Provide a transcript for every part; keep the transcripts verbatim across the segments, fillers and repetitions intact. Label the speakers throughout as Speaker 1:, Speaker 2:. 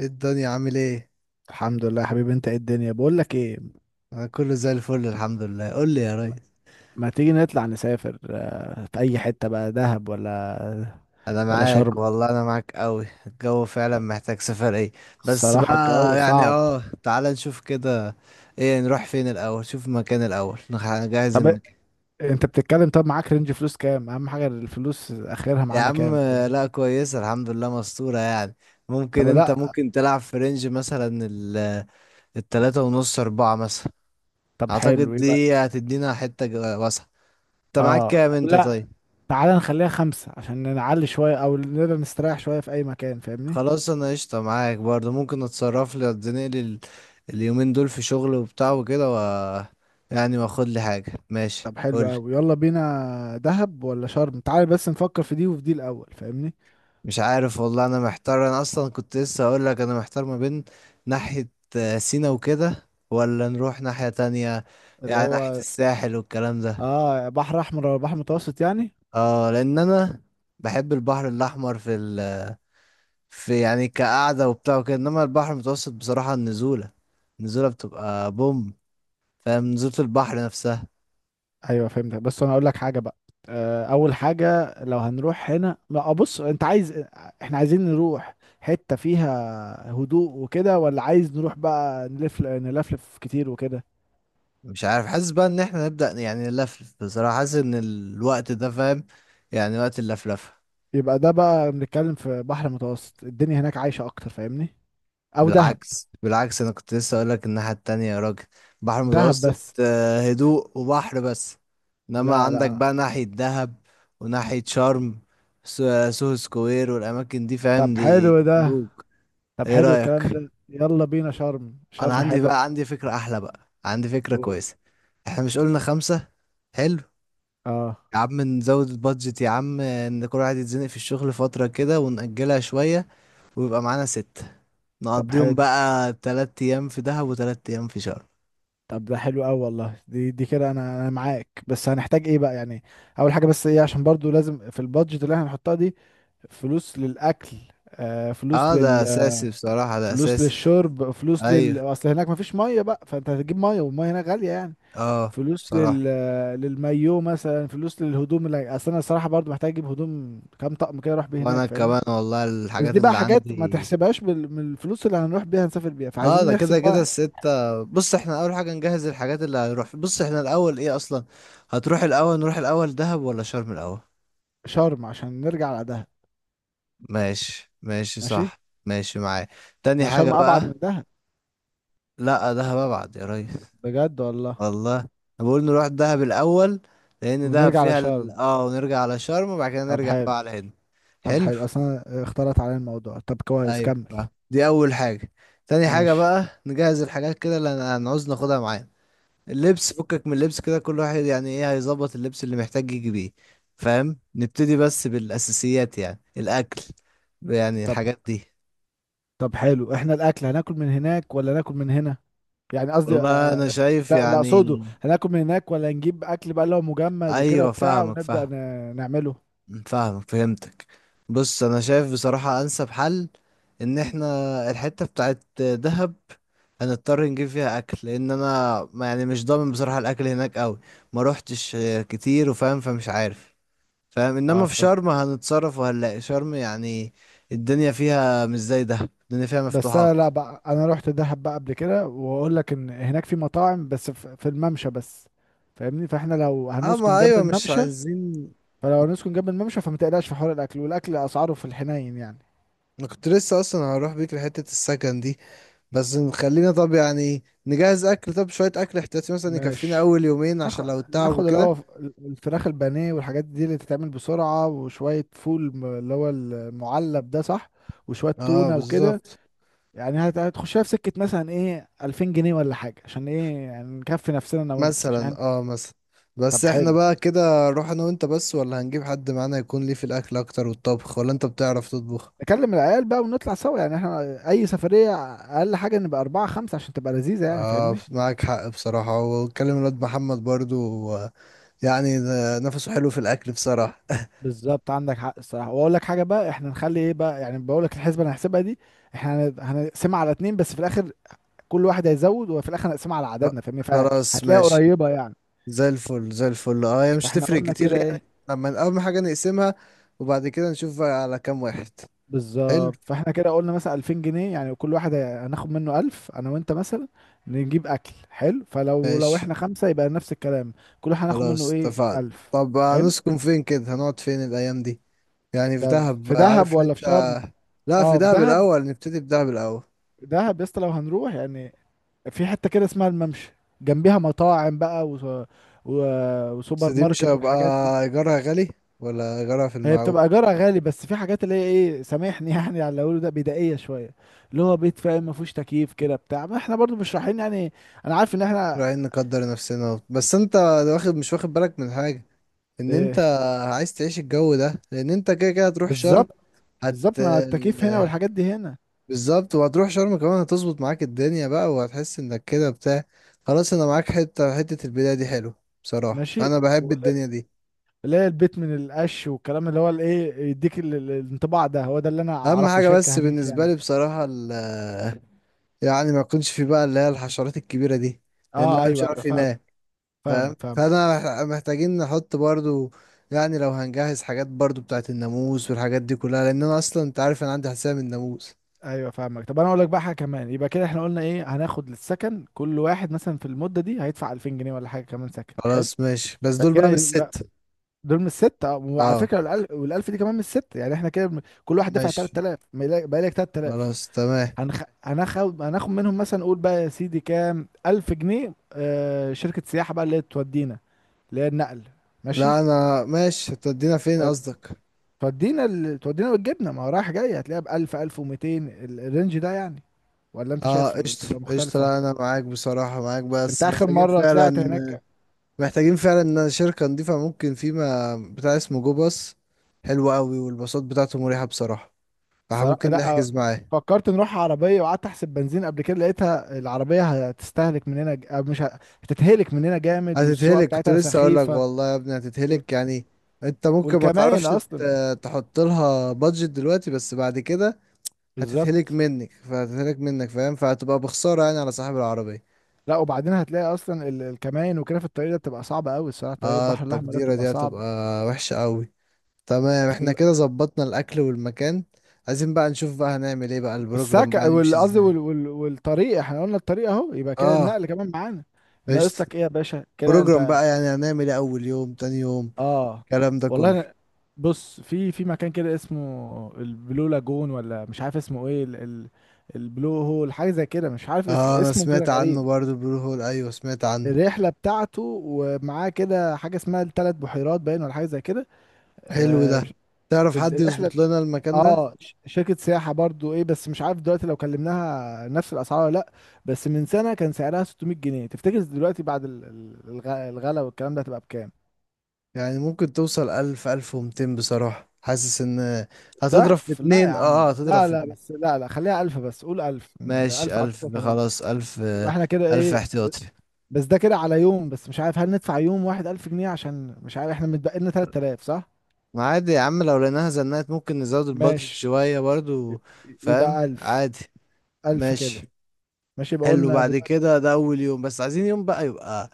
Speaker 1: ايه الدنيا عامل ايه؟
Speaker 2: الحمد لله يا حبيبي، انت؟ ايه الدنيا؟ بقول لك ايه.
Speaker 1: انا كله زي الفل، الحمد لله. قول لي يا ريس.
Speaker 2: ما ما تيجي نطلع نسافر، آه، في اي حتة بقى، دهب ولا
Speaker 1: انا
Speaker 2: ولا
Speaker 1: معاك
Speaker 2: شرم؟
Speaker 1: والله، انا معاك قوي. الجو فعلا محتاج سفر. ايه؟ بس
Speaker 2: الصراحة
Speaker 1: بقى.
Speaker 2: الجو
Speaker 1: يعني
Speaker 2: صعب.
Speaker 1: اه تعالى نشوف كده. ايه، نروح فين الاول؟ شوف المكان الاول، نخ- نجهز
Speaker 2: طب
Speaker 1: المكان.
Speaker 2: انت بتتكلم. طب معاك رينج فلوس كام؟ اهم حاجة الفلوس، اخرها
Speaker 1: يا
Speaker 2: معانا
Speaker 1: عم،
Speaker 2: كام؟ طب
Speaker 1: لا كويسه الحمد لله، مستورة يعني. ممكن
Speaker 2: طب
Speaker 1: انت،
Speaker 2: لا.
Speaker 1: ممكن تلعب في رينج مثلا ال- التلاتة ونص اربعة مثلا.
Speaker 2: طب
Speaker 1: اعتقد
Speaker 2: حلو. ايه بقى؟
Speaker 1: دي هتدينا حتة ج- واسعة. انت معاك
Speaker 2: اه.
Speaker 1: كام،
Speaker 2: طب
Speaker 1: انت
Speaker 2: لا.
Speaker 1: طيب؟
Speaker 2: تعالى نخليها خمسة عشان نعلي شوية او نقدر نستريح شوية في اي مكان، فاهمني؟
Speaker 1: خلاص، انا قشطة معاك برضه. ممكن اتصرف لي، اديني لي ال- اليومين دول في شغل وبتاع وكده و، يعني واخد لي حاجة، ماشي؟
Speaker 2: طب حلو
Speaker 1: قولي.
Speaker 2: قوي، يلا بينا، دهب ولا شرم؟ تعالى بس نفكر في دي وفي دي الاول، فاهمني؟
Speaker 1: مش عارف والله، انا محتار. انا اصلا كنت لسه هقول لك انا محتار، ما بين ناحية آه، سينا وكده، ولا نروح ناحية تانية.
Speaker 2: اللي
Speaker 1: يعني ناحية
Speaker 2: هو
Speaker 1: الساحل والكلام ده.
Speaker 2: اه، بحر احمر ولا بحر متوسط يعني؟
Speaker 1: اه، لان انا بحب البحر الاحمر في ال... في يعني كقعدة وبتاع وكده. انما البحر المتوسط بصراحة، النزولة، النزولة بتبقى بوم. فاهم نزولة البحر نفسها.
Speaker 2: ايوه فهمتك، بس انا اقول لك حاجه بقى. آه اول حاجه، لو هنروح هنا لا. آه، بص، انت عايز، احنا عايزين نروح حته فيها هدوء وكده، ولا عايز نروح بقى نلف نلفلف كتير وكده؟
Speaker 1: مش عارف، حاسس بقى ان احنا نبدأ، يعني نلفلف بصراحة. حاسس ان الوقت ده، فاهم؟ يعني وقت اللفلفة.
Speaker 2: يبقى ده بقى بنتكلم في بحر متوسط، الدنيا هناك عايشه اكتر، فاهمني؟ او دهب.
Speaker 1: بالعكس، بالعكس، انا كنت لسه اقول لك الناحية التانية يا راجل. بحر
Speaker 2: دهب
Speaker 1: متوسط،
Speaker 2: بس.
Speaker 1: آه، هدوء وبحر بس. انما
Speaker 2: لا،
Speaker 1: عندك
Speaker 2: لا.
Speaker 1: بقى ناحية دهب وناحية شرم. سو- سوهو سكوير والاماكن دي،
Speaker 2: طب
Speaker 1: فاهم؟ دي
Speaker 2: حلو ده.
Speaker 1: خلوج.
Speaker 2: طب
Speaker 1: ايه
Speaker 2: حلو الكلام
Speaker 1: رأيك؟
Speaker 2: ده. يلا بينا شرم،
Speaker 1: انا
Speaker 2: شرم
Speaker 1: عندي
Speaker 2: حلو.
Speaker 1: بقى، عندي فكرة احلى، بقى عندي فكرة
Speaker 2: قول.
Speaker 1: كويسة. احنا مش قلنا خمسة؟ حلو.
Speaker 2: اه.
Speaker 1: يا عم نزود البادجت، يا عم ان كل واحد يتزنق في الشغل فترة كده، ونأجلها شوية، ويبقى معانا ستة.
Speaker 2: طب
Speaker 1: نقضيهم
Speaker 2: حلو.
Speaker 1: بقى تلات ايام في دهب وتلات ايام في شرم.
Speaker 2: طب ده حلو قوي والله، دي دي كده انا انا معاك. بس هنحتاج ايه بقى يعني؟ اول حاجه بس ايه، عشان برضو لازم في البادجت اللي احنا هنحطها دي، فلوس للاكل، آه فلوس
Speaker 1: اه، ده
Speaker 2: لل،
Speaker 1: اساسي بصراحة، ده
Speaker 2: فلوس
Speaker 1: اساسي.
Speaker 2: للشرب، فلوس لل،
Speaker 1: ايوه،
Speaker 2: اصل هناك مفيش ميه بقى، فانت هتجيب ميه، والميه هناك غاليه يعني.
Speaker 1: اه،
Speaker 2: فلوس
Speaker 1: بصراحة.
Speaker 2: لل للمايو مثلا، فلوس للهدوم، اللي اصل انا الصراحه برضو محتاج اجيب هدوم كام طقم كده اروح بيه هناك،
Speaker 1: وانا
Speaker 2: فاهمني.
Speaker 1: كمان والله،
Speaker 2: بس
Speaker 1: الحاجات
Speaker 2: دي بقى
Speaker 1: اللي
Speaker 2: حاجات ما
Speaker 1: عندي.
Speaker 2: تحسبهاش بال... من الفلوس اللي هنروح بيها نسافر بيها،
Speaker 1: اه،
Speaker 2: فعايزين
Speaker 1: ده
Speaker 2: نحسب
Speaker 1: كده كده
Speaker 2: بقى.
Speaker 1: الستة. بص، احنا اول حاجة نجهز الحاجات اللي هنروح. بص احنا الاول ايه اصلا؟ هتروح الاول، نروح الاول دهب ولا شرم الاول؟
Speaker 2: شرم عشان نرجع على دهب.
Speaker 1: ماشي، ماشي،
Speaker 2: ماشي.
Speaker 1: صح، ماشي معايا. تاني
Speaker 2: ما
Speaker 1: حاجة
Speaker 2: شرم ابعد
Speaker 1: بقى.
Speaker 2: من دهب.
Speaker 1: لا، دهب ابعد يا ريس.
Speaker 2: بجد والله.
Speaker 1: والله انا بقول نروح دهب الاول. لان دهب
Speaker 2: ونرجع
Speaker 1: فيها ال...
Speaker 2: لشرم.
Speaker 1: اه ونرجع على شرم، وبعد كده
Speaker 2: طب
Speaker 1: نرجع
Speaker 2: حلو.
Speaker 1: بقى على هنا.
Speaker 2: طب
Speaker 1: حلو.
Speaker 2: حلو، اصلا اختلط علينا الموضوع. طب كويس،
Speaker 1: ايوه
Speaker 2: كمل.
Speaker 1: بقى. دي اول حاجه. تاني حاجه
Speaker 2: ماشي.
Speaker 1: بقى، نجهز الحاجات كده اللي هن- هنعوز ناخدها معانا. اللبس، فكك من اللبس كده، كل واحد يعني ايه هيظبط اللبس اللي محتاج يجي بيه. فاهم؟ نبتدي بس بالاساسيات، يعني الاكل، يعني
Speaker 2: طب.
Speaker 1: الحاجات دي.
Speaker 2: طب حلو احنا الاكل، هناكل من هناك ولا ناكل من هنا؟ يعني قصدي، آه،
Speaker 1: والله انا
Speaker 2: آه،
Speaker 1: شايف
Speaker 2: لا لا، اقصده
Speaker 1: يعني.
Speaker 2: هناكل من هناك، ولا نجيب اكل بقى اللي هو مجمد وكده
Speaker 1: ايوه
Speaker 2: وبتاع،
Speaker 1: فاهمك،
Speaker 2: ونبدا
Speaker 1: فاهم.
Speaker 2: ن- نعمله؟
Speaker 1: فاهم، فهمتك. بص انا شايف بصراحة، انسب حل ان احنا الحتة بتاعت دهب هنضطر نجيب فيها اكل. لان انا ما- يعني مش ضامن بصراحة الاكل هناك قوي. ما روحتش آه، كتير، وفاهم، فمش عارف. فاهم،
Speaker 2: اه
Speaker 1: انما في شرم
Speaker 2: فهمت.
Speaker 1: هنتصرف وهنلاقي شرم يعني. الدنيا فيها مش زي دهب، الدنيا فيها
Speaker 2: بس
Speaker 1: مفتوحة
Speaker 2: انا لا
Speaker 1: اكتر.
Speaker 2: بقى، انا رحت دهب بقى قبل كده، واقول لك ان هناك في مطاعم بس، في في الممشى بس، فاهمني. فاحنا لو
Speaker 1: اه
Speaker 2: هنسكن
Speaker 1: ما
Speaker 2: جنب
Speaker 1: ايوه، مش
Speaker 2: الممشى،
Speaker 1: عايزين.
Speaker 2: فلو نسكن جنب الممشى فما تقلقش في حوار الاكل، والاكل اسعاره في الحنين يعني.
Speaker 1: انا كنت لسه اصلا هروح بيك لحتة السكن دي. بس نخلينا، طب يعني نجهز اكل، طب شوية اكل احتياطي مثلا يكفينا
Speaker 2: ماشي.
Speaker 1: اول يومين، عشان
Speaker 2: ناخد
Speaker 1: لو التعب
Speaker 2: ناخد اللي
Speaker 1: وكده.
Speaker 2: هو ف- الفراخ البانيه والحاجات دي اللي تتعمل بسرعه، وشويه فول م- اللي هو المعلب ده، صح؟ وشويه
Speaker 1: اه
Speaker 2: تونه وكده.
Speaker 1: بالظبط.
Speaker 2: يعني هت- هتخشها في سكه مثلا ايه، ألفين جنيه ولا حاجه، عشان ايه يعني، نكفي نفسنا انا وانت عشان.
Speaker 1: مثلا، اه مثلا. بس
Speaker 2: طب
Speaker 1: احنا
Speaker 2: حلو.
Speaker 1: بقى كده نروح انا وانت بس، ولا هنجيب حد معانا يكون ليه في الاكل اكتر والطبخ؟ ولا انت بتعرف تطبخ؟
Speaker 2: نكلم العيال بقى ونطلع سوا يعني احنا، اي سفريه اقل حاجه نبقى اربعه خمسه عشان تبقى لذيذه يعني،
Speaker 1: اه
Speaker 2: فاهمني.
Speaker 1: معاك حق بصراحة. واتكلم الواد محمد برضو. آه، يعني ده نفسه حلو في الاكل بصراحة.
Speaker 2: بالظبط عندك حق الصراحه. واقول لك حاجه بقى، احنا نخلي ايه بقى يعني، بقول لك الحسبه اللي هنحسبها دي، احنا هن- هنقسمها على اتنين بس في الاخر، كل واحد هيزود، وفي الاخر هنقسمها على
Speaker 1: خ-
Speaker 2: عددنا، فاهمني؟
Speaker 1: خلاص
Speaker 2: فهتلاقيها
Speaker 1: ماشي.
Speaker 2: قريبه يعني.
Speaker 1: زي الفل، زي الفل. اه هي مش
Speaker 2: فاحنا
Speaker 1: تفرق
Speaker 2: قلنا
Speaker 1: كتير
Speaker 2: كده ايه.
Speaker 1: يعني. لما اهم حاجة نقسمها، وبعد كده نشوف بقى على كام واحد. حلو.
Speaker 2: بالظبط. فاحنا كده قلنا مثلا ألفين جنيه يعني، كل واحد هي- هناخد منه ألف، انا وانت مثلا، نجيب اكل حلو. فلو لو
Speaker 1: ماشي
Speaker 2: احنا خمسه يبقى نفس الكلام، كل واحد هناخد منه
Speaker 1: خلاص
Speaker 2: ايه،
Speaker 1: اتفقنا.
Speaker 2: ألف.
Speaker 1: طب
Speaker 2: حلو.
Speaker 1: هنسكن فين كده؟ هنقعد فين الأيام دي؟ يعني في
Speaker 2: ده
Speaker 1: دهب
Speaker 2: في دهب
Speaker 1: عارف
Speaker 2: ولا في
Speaker 1: حتة.
Speaker 2: شرم؟
Speaker 1: لا، في
Speaker 2: اه في
Speaker 1: دهب
Speaker 2: دهب.
Speaker 1: الأول، نبتدي بدهب الأول.
Speaker 2: دهب يا اسطى لو هنروح يعني، في حتة كده اسمها الممشى، جنبيها مطاعم بقى و... و...
Speaker 1: بس
Speaker 2: وسوبر
Speaker 1: دي مش
Speaker 2: ماركت
Speaker 1: هيبقى
Speaker 2: والحاجات دي.
Speaker 1: إيجارها غالي، ولا إيجارها في
Speaker 2: هي
Speaker 1: المعقول؟
Speaker 2: بتبقى ايجارها غالي، بس في حاجات اللي هي ايه، سامحني يعني على اللي اقوله ده، بدائية شوية، اللي هو بيت، فاهم، ما فيهوش تكييف كده بتاع، ما احنا برضو مش رايحين يعني، انا عارف ان احنا.
Speaker 1: رايحين نقدر نفسنا، بس انت واخد، مش واخد بالك من حاجة؟ ان انت
Speaker 2: إيه.
Speaker 1: عايز تعيش الجو ده، لان انت كده كده هتروح شرم.
Speaker 2: بالظبط
Speaker 1: هت
Speaker 2: بالظبط ما التكييف هنا والحاجات دي هنا.
Speaker 1: بالظبط وهتروح شرم كمان هتظبط معاك الدنيا بقى، وهتحس انك كده بتاع. خلاص انا معاك. حتة حتة البداية دي حلو، بصراحة
Speaker 2: ماشي.
Speaker 1: انا بحب
Speaker 2: ولا-
Speaker 1: الدنيا دي.
Speaker 2: اللي هي البيت من القش والكلام، اللي هو الايه، يديك ال- ال- الانطباع ده، هو ده اللي انا
Speaker 1: اهم
Speaker 2: اعرفه
Speaker 1: حاجة
Speaker 2: شركة
Speaker 1: بس
Speaker 2: هناك
Speaker 1: بالنسبة
Speaker 2: يعني.
Speaker 1: لي بصراحة ال- يعني ما يكونش في بقى اللي هي الحشرات الكبيرة دي. لان
Speaker 2: اه
Speaker 1: انا مش
Speaker 2: ايوه،
Speaker 1: عارف
Speaker 2: ايوه فاهم.
Speaker 1: ينام.
Speaker 2: فاهمك،
Speaker 1: فاهم،
Speaker 2: فاهمك.
Speaker 1: فانا مح- محتاجين نحط برضو، يعني لو هنجهز حاجات برضو بتاعت الناموس والحاجات دي كلها. لان انا اصلا، انت عارف انا عندي حساسية من الناموس.
Speaker 2: ايوه فاهمك. طب انا اقول لك بقى حاجه كمان، يبقى كده احنا قلنا ايه، هناخد للسكن كل واحد مثلا في المده دي هيدفع ألفين جنيه ولا حاجه، كمان سكن حلو،
Speaker 1: خلاص ماشي، بس دول
Speaker 2: فكده
Speaker 1: بقى مش
Speaker 2: يبقى
Speaker 1: ست.
Speaker 2: دول من الست، اه، وعلى
Speaker 1: اه.
Speaker 2: فكره والألف, والالف دي كمان من الست يعني. احنا كده بن- كل واحد دفع
Speaker 1: ماشي.
Speaker 2: تلات آلاف، بقى لك ثلاثة آلاف.
Speaker 1: خلاص تمام.
Speaker 2: هنخ... هناخد هناخد منهم مثلا قول بقى يا سيدي كام، ألف جنيه، آه شركه سياحه بقى اللي هي تودينا، اللي هي النقل. ماشي.
Speaker 1: لا انا ماشي. هتودينا فين
Speaker 2: و-
Speaker 1: قصدك؟
Speaker 2: تودينا ال... تودينا وتجيبنا، ما هو رايح جاي، هتلاقيها ب ألف، ألف ومئتين، ال- الرينج ده يعني، ولا انت
Speaker 1: اه
Speaker 2: شايف
Speaker 1: قشطة،
Speaker 2: بتبقى
Speaker 1: قشطة.
Speaker 2: مختلفه؟
Speaker 1: لا انا معاك بصراحة، معاك.
Speaker 2: انت
Speaker 1: بس
Speaker 2: اخر
Speaker 1: محتاجين
Speaker 2: مره طلعت
Speaker 1: فعلا،
Speaker 2: هناك؟
Speaker 1: محتاجين فعلا ان شركة نضيفة. ممكن فيما بتاع اسمه جو باص. حلو قوي والباصات بتاعته مريحة بصراحة،
Speaker 2: صراحة
Speaker 1: فممكن
Speaker 2: لا.
Speaker 1: نحجز معاه.
Speaker 2: فكرت نروح عربيه وقعدت احسب بنزين قبل كده، لقيتها العربيه هتستهلك مننا ج- أو مش ه- هتتهلك مننا جامد، والسواقه
Speaker 1: هتتهلك، كنت
Speaker 2: بتاعتها
Speaker 1: لسه اقول لك
Speaker 2: سخيفه.
Speaker 1: والله يا ابني هتتهلك
Speaker 2: والك...
Speaker 1: يعني. انت ممكن ما
Speaker 2: والكماين
Speaker 1: تعرفش.
Speaker 2: اصلا.
Speaker 1: ت- تحط لها بادجت دلوقتي، بس بعد كده هتتهلك
Speaker 2: بالظبط.
Speaker 1: منك، فهتتهلك منك، فاهم؟ فهتبقى بخسارة يعني على صاحب العربية.
Speaker 2: لا، وبعدين هتلاقي اصلا ال- الكماين وكده في الطريق ده بتبقى صعبه قوي الصراحه، طريق
Speaker 1: اه
Speaker 2: البحر الاحمر ده
Speaker 1: التقديرة
Speaker 2: بتبقى
Speaker 1: دي هتبقى
Speaker 2: صعبه.
Speaker 1: وحشة قوي. تمام، احنا
Speaker 2: فال...
Speaker 1: كده ظبطنا الاكل والمكان. عايزين بقى نشوف بقى هنعمل ايه بقى، البروجرام بقى
Speaker 2: والسكة وال-
Speaker 1: يمشي
Speaker 2: قصدي
Speaker 1: ازاي؟
Speaker 2: وال... وال... والطريق، احنا قلنا الطريق اهو، يبقى كده
Speaker 1: اه
Speaker 2: النقل كمان معانا. ناقص
Speaker 1: قشطة.
Speaker 2: لك ايه يا باشا كده
Speaker 1: بروجرام
Speaker 2: انت؟
Speaker 1: بقى، يعني هنعمل ايه اول يوم، تاني يوم،
Speaker 2: اه
Speaker 1: الكلام ده
Speaker 2: والله
Speaker 1: كله؟
Speaker 2: أنا، بص، في في مكان كده اسمه البلو لاجون، ولا مش عارف اسمه ايه، ال ال البلو هول حاجه زي كده، مش عارف اس
Speaker 1: اه انا
Speaker 2: اسمه كده
Speaker 1: سمعت عنه
Speaker 2: غريب،
Speaker 1: برضو، البلو هول. ايوه سمعت عنه.
Speaker 2: الرحله بتاعته، ومعاه كده حاجه اسمها الثلاث بحيرات باين، ولا حاجه زي كده.
Speaker 1: حلو
Speaker 2: آه
Speaker 1: ده.
Speaker 2: مش-
Speaker 1: تعرف
Speaker 2: ال-
Speaker 1: حد
Speaker 2: الرحله.
Speaker 1: يظبط لنا المكان ده؟
Speaker 2: اه ش- شركه سياحه برضو ايه، بس مش عارف دلوقتي لو كلمناها نفس الاسعار ولا لا، بس من سنه كان سعرها ستمائة جنيه، تفتكر دلوقتي بعد ال- ال- الغ- الغلا والكلام ده هتبقى بكام؟
Speaker 1: يعني ممكن توصل الف، الف ومتين بصراحة، حاسس ان هتضرب في
Speaker 2: ضعف؟ لا يا
Speaker 1: اتنين.
Speaker 2: عم،
Speaker 1: اه، هتضرب
Speaker 2: لا،
Speaker 1: في
Speaker 2: لا،
Speaker 1: اتنين.
Speaker 2: بس، لا، لا، خليها ألف، بس قول ألف. ألف
Speaker 1: ماشي،
Speaker 2: على فكرة
Speaker 1: الف،
Speaker 2: كمان.
Speaker 1: خلاص الف
Speaker 2: يبقى
Speaker 1: آه،
Speaker 2: احنا كده
Speaker 1: الف
Speaker 2: إيه؟
Speaker 1: احتياطي.
Speaker 2: بس ده كده على يوم بس، مش عارف هل ندفع يوم واحد ألف جنيه، عشان مش عارف احنا متبقي لنا ثلاثة آلاف، صح؟
Speaker 1: ما عادي يا عم، لو لقيناها زنقت ممكن نزود البادجت
Speaker 2: ماشي.
Speaker 1: شوية برضو. فاهم
Speaker 2: يبقى ألف،
Speaker 1: عادي.
Speaker 2: ألف كده.
Speaker 1: ماشي.
Speaker 2: ماشي. يبقى
Speaker 1: حلو.
Speaker 2: قلنا
Speaker 1: بعد
Speaker 2: دلوقتي،
Speaker 1: كده ده أول يوم، بس عايزين يوم بقى يبقى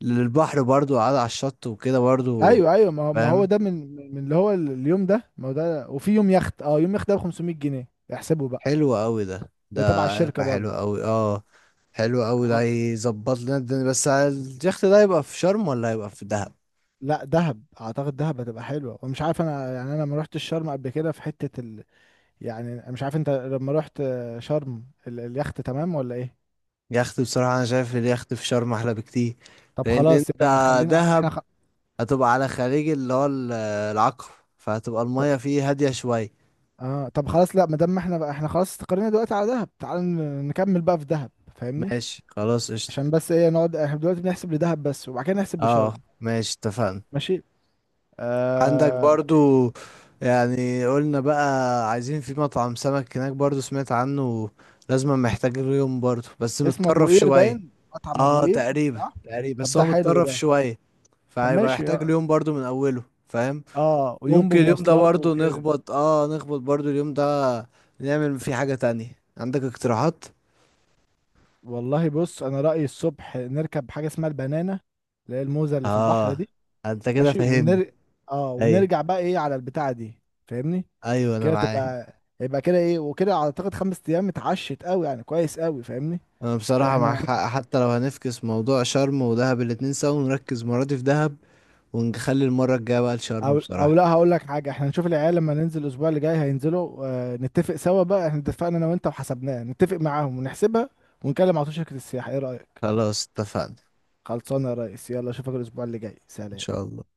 Speaker 1: للبحر برضو، قاعد على الشط وكده برضو.
Speaker 2: أيوه، أيوه، ما هو ما هو
Speaker 1: فاهم.
Speaker 2: ده، من من اللي هو اليوم ده، ما هو ده، وفي يوم يخت، أه يوم يخت ده ب خمسمائة جنيه، احسبه بقى.
Speaker 1: حلو أوي، ده ده
Speaker 2: ده تبع الشركة
Speaker 1: هيبقى
Speaker 2: برضه.
Speaker 1: حلو أوي، اه حلو أوي ده
Speaker 2: حر-
Speaker 1: هيظبط لنا الدنيا. بس اليخت ده هيبقى في شرم، ولا هيبقى في دهب؟
Speaker 2: لا، دهب اعتقد دهب هتبقى حلوه، ومش عارف انا يعني، انا ما رحتش الشرم قبل كده في حته، يعني مش عارف انت لما رحت شرم، ال- اليخت تمام ولا ايه؟
Speaker 1: يخت بصراحة، أنا شايف اليخت في شرم أحلى بكتير.
Speaker 2: طب
Speaker 1: لأن
Speaker 2: خلاص
Speaker 1: أنت
Speaker 2: يبقى خلينا احنا
Speaker 1: دهب
Speaker 2: خ...
Speaker 1: هتبقى على خليج اللي هو ال- العقبة، فهتبقى
Speaker 2: طب
Speaker 1: المية فيه هادية شوية.
Speaker 2: اه. طب خلاص، لا، ما دام احنا بقى احنا خلاص استقرينا دلوقتي على دهب، تعال ن- نكمل بقى في دهب، فاهمني.
Speaker 1: ماشي خلاص قشطة.
Speaker 2: عشان بس ايه، نقعد احنا دلوقتي بنحسب لدهب بس وبعد كده نحسب
Speaker 1: اه
Speaker 2: لشرم.
Speaker 1: ماشي اتفقنا.
Speaker 2: ماشي.
Speaker 1: عندك
Speaker 2: آه...
Speaker 1: برضو، يعني قلنا بقى، عايزين في مطعم سمك هناك برضو سمعت عنه. لازم محتاج اليوم، برضو بس
Speaker 2: اسمه ابو
Speaker 1: متطرف
Speaker 2: قير
Speaker 1: شوية.
Speaker 2: باين، مطعم ابو
Speaker 1: اه
Speaker 2: قير.
Speaker 1: تقريبا،
Speaker 2: صح.
Speaker 1: تقريبا،
Speaker 2: طب
Speaker 1: بس
Speaker 2: ده
Speaker 1: هو
Speaker 2: حلو
Speaker 1: متطرف
Speaker 2: ده.
Speaker 1: شوية.
Speaker 2: طب
Speaker 1: فهيبقى
Speaker 2: ماشي.
Speaker 1: محتاج
Speaker 2: اه.
Speaker 1: اليوم برضو من اوله. فاهم.
Speaker 2: آه، ويوم
Speaker 1: ممكن اليوم ده
Speaker 2: بمواصلات
Speaker 1: برضو
Speaker 2: وكده.
Speaker 1: نخبط، اه نخبط برضو اليوم ده، نعمل فيه حاجة تانية. عندك اقتراحات؟
Speaker 2: والله بص، انا رأيي الصبح نركب حاجة اسمها البنانة، اللي هي الموزة اللي في البحر
Speaker 1: اه
Speaker 2: دي.
Speaker 1: انت كده
Speaker 2: ماشي.
Speaker 1: فاهمني.
Speaker 2: ونر... اه
Speaker 1: ايوه،
Speaker 2: ونرجع بقى ايه على البتاعه دي، فاهمني؟
Speaker 1: ايوه، انا
Speaker 2: كده
Speaker 1: معاك.
Speaker 2: تبقى، يبقى كده ايه وكده، اعتقد خمس ايام اتعشت قوي يعني، كويس قوي، فاهمني.
Speaker 1: انا
Speaker 2: كده
Speaker 1: بصراحه معاك
Speaker 2: احنا.
Speaker 1: حق، حتى لو هنفكس موضوع شرم ودهب الاتنين سوا، ونركز المره دي في دهب، ونخلي المره الجايه بقى لشرم
Speaker 2: او او
Speaker 1: بصراحه.
Speaker 2: لا، هقول لك حاجه، احنا نشوف العيال لما ننزل الاسبوع اللي جاي هينزلوا، آه نتفق سوا بقى، احنا اتفقنا انا وانت وحسبناها، نتفق معاهم ونحسبها، ونكلم على طول شركه السياحه، ايه رايك؟
Speaker 1: خلاص اتفقنا.
Speaker 2: خلصانه يا ريس، يلا اشوفك الاسبوع اللي جاي،
Speaker 1: ان
Speaker 2: سلام.
Speaker 1: شاء الله.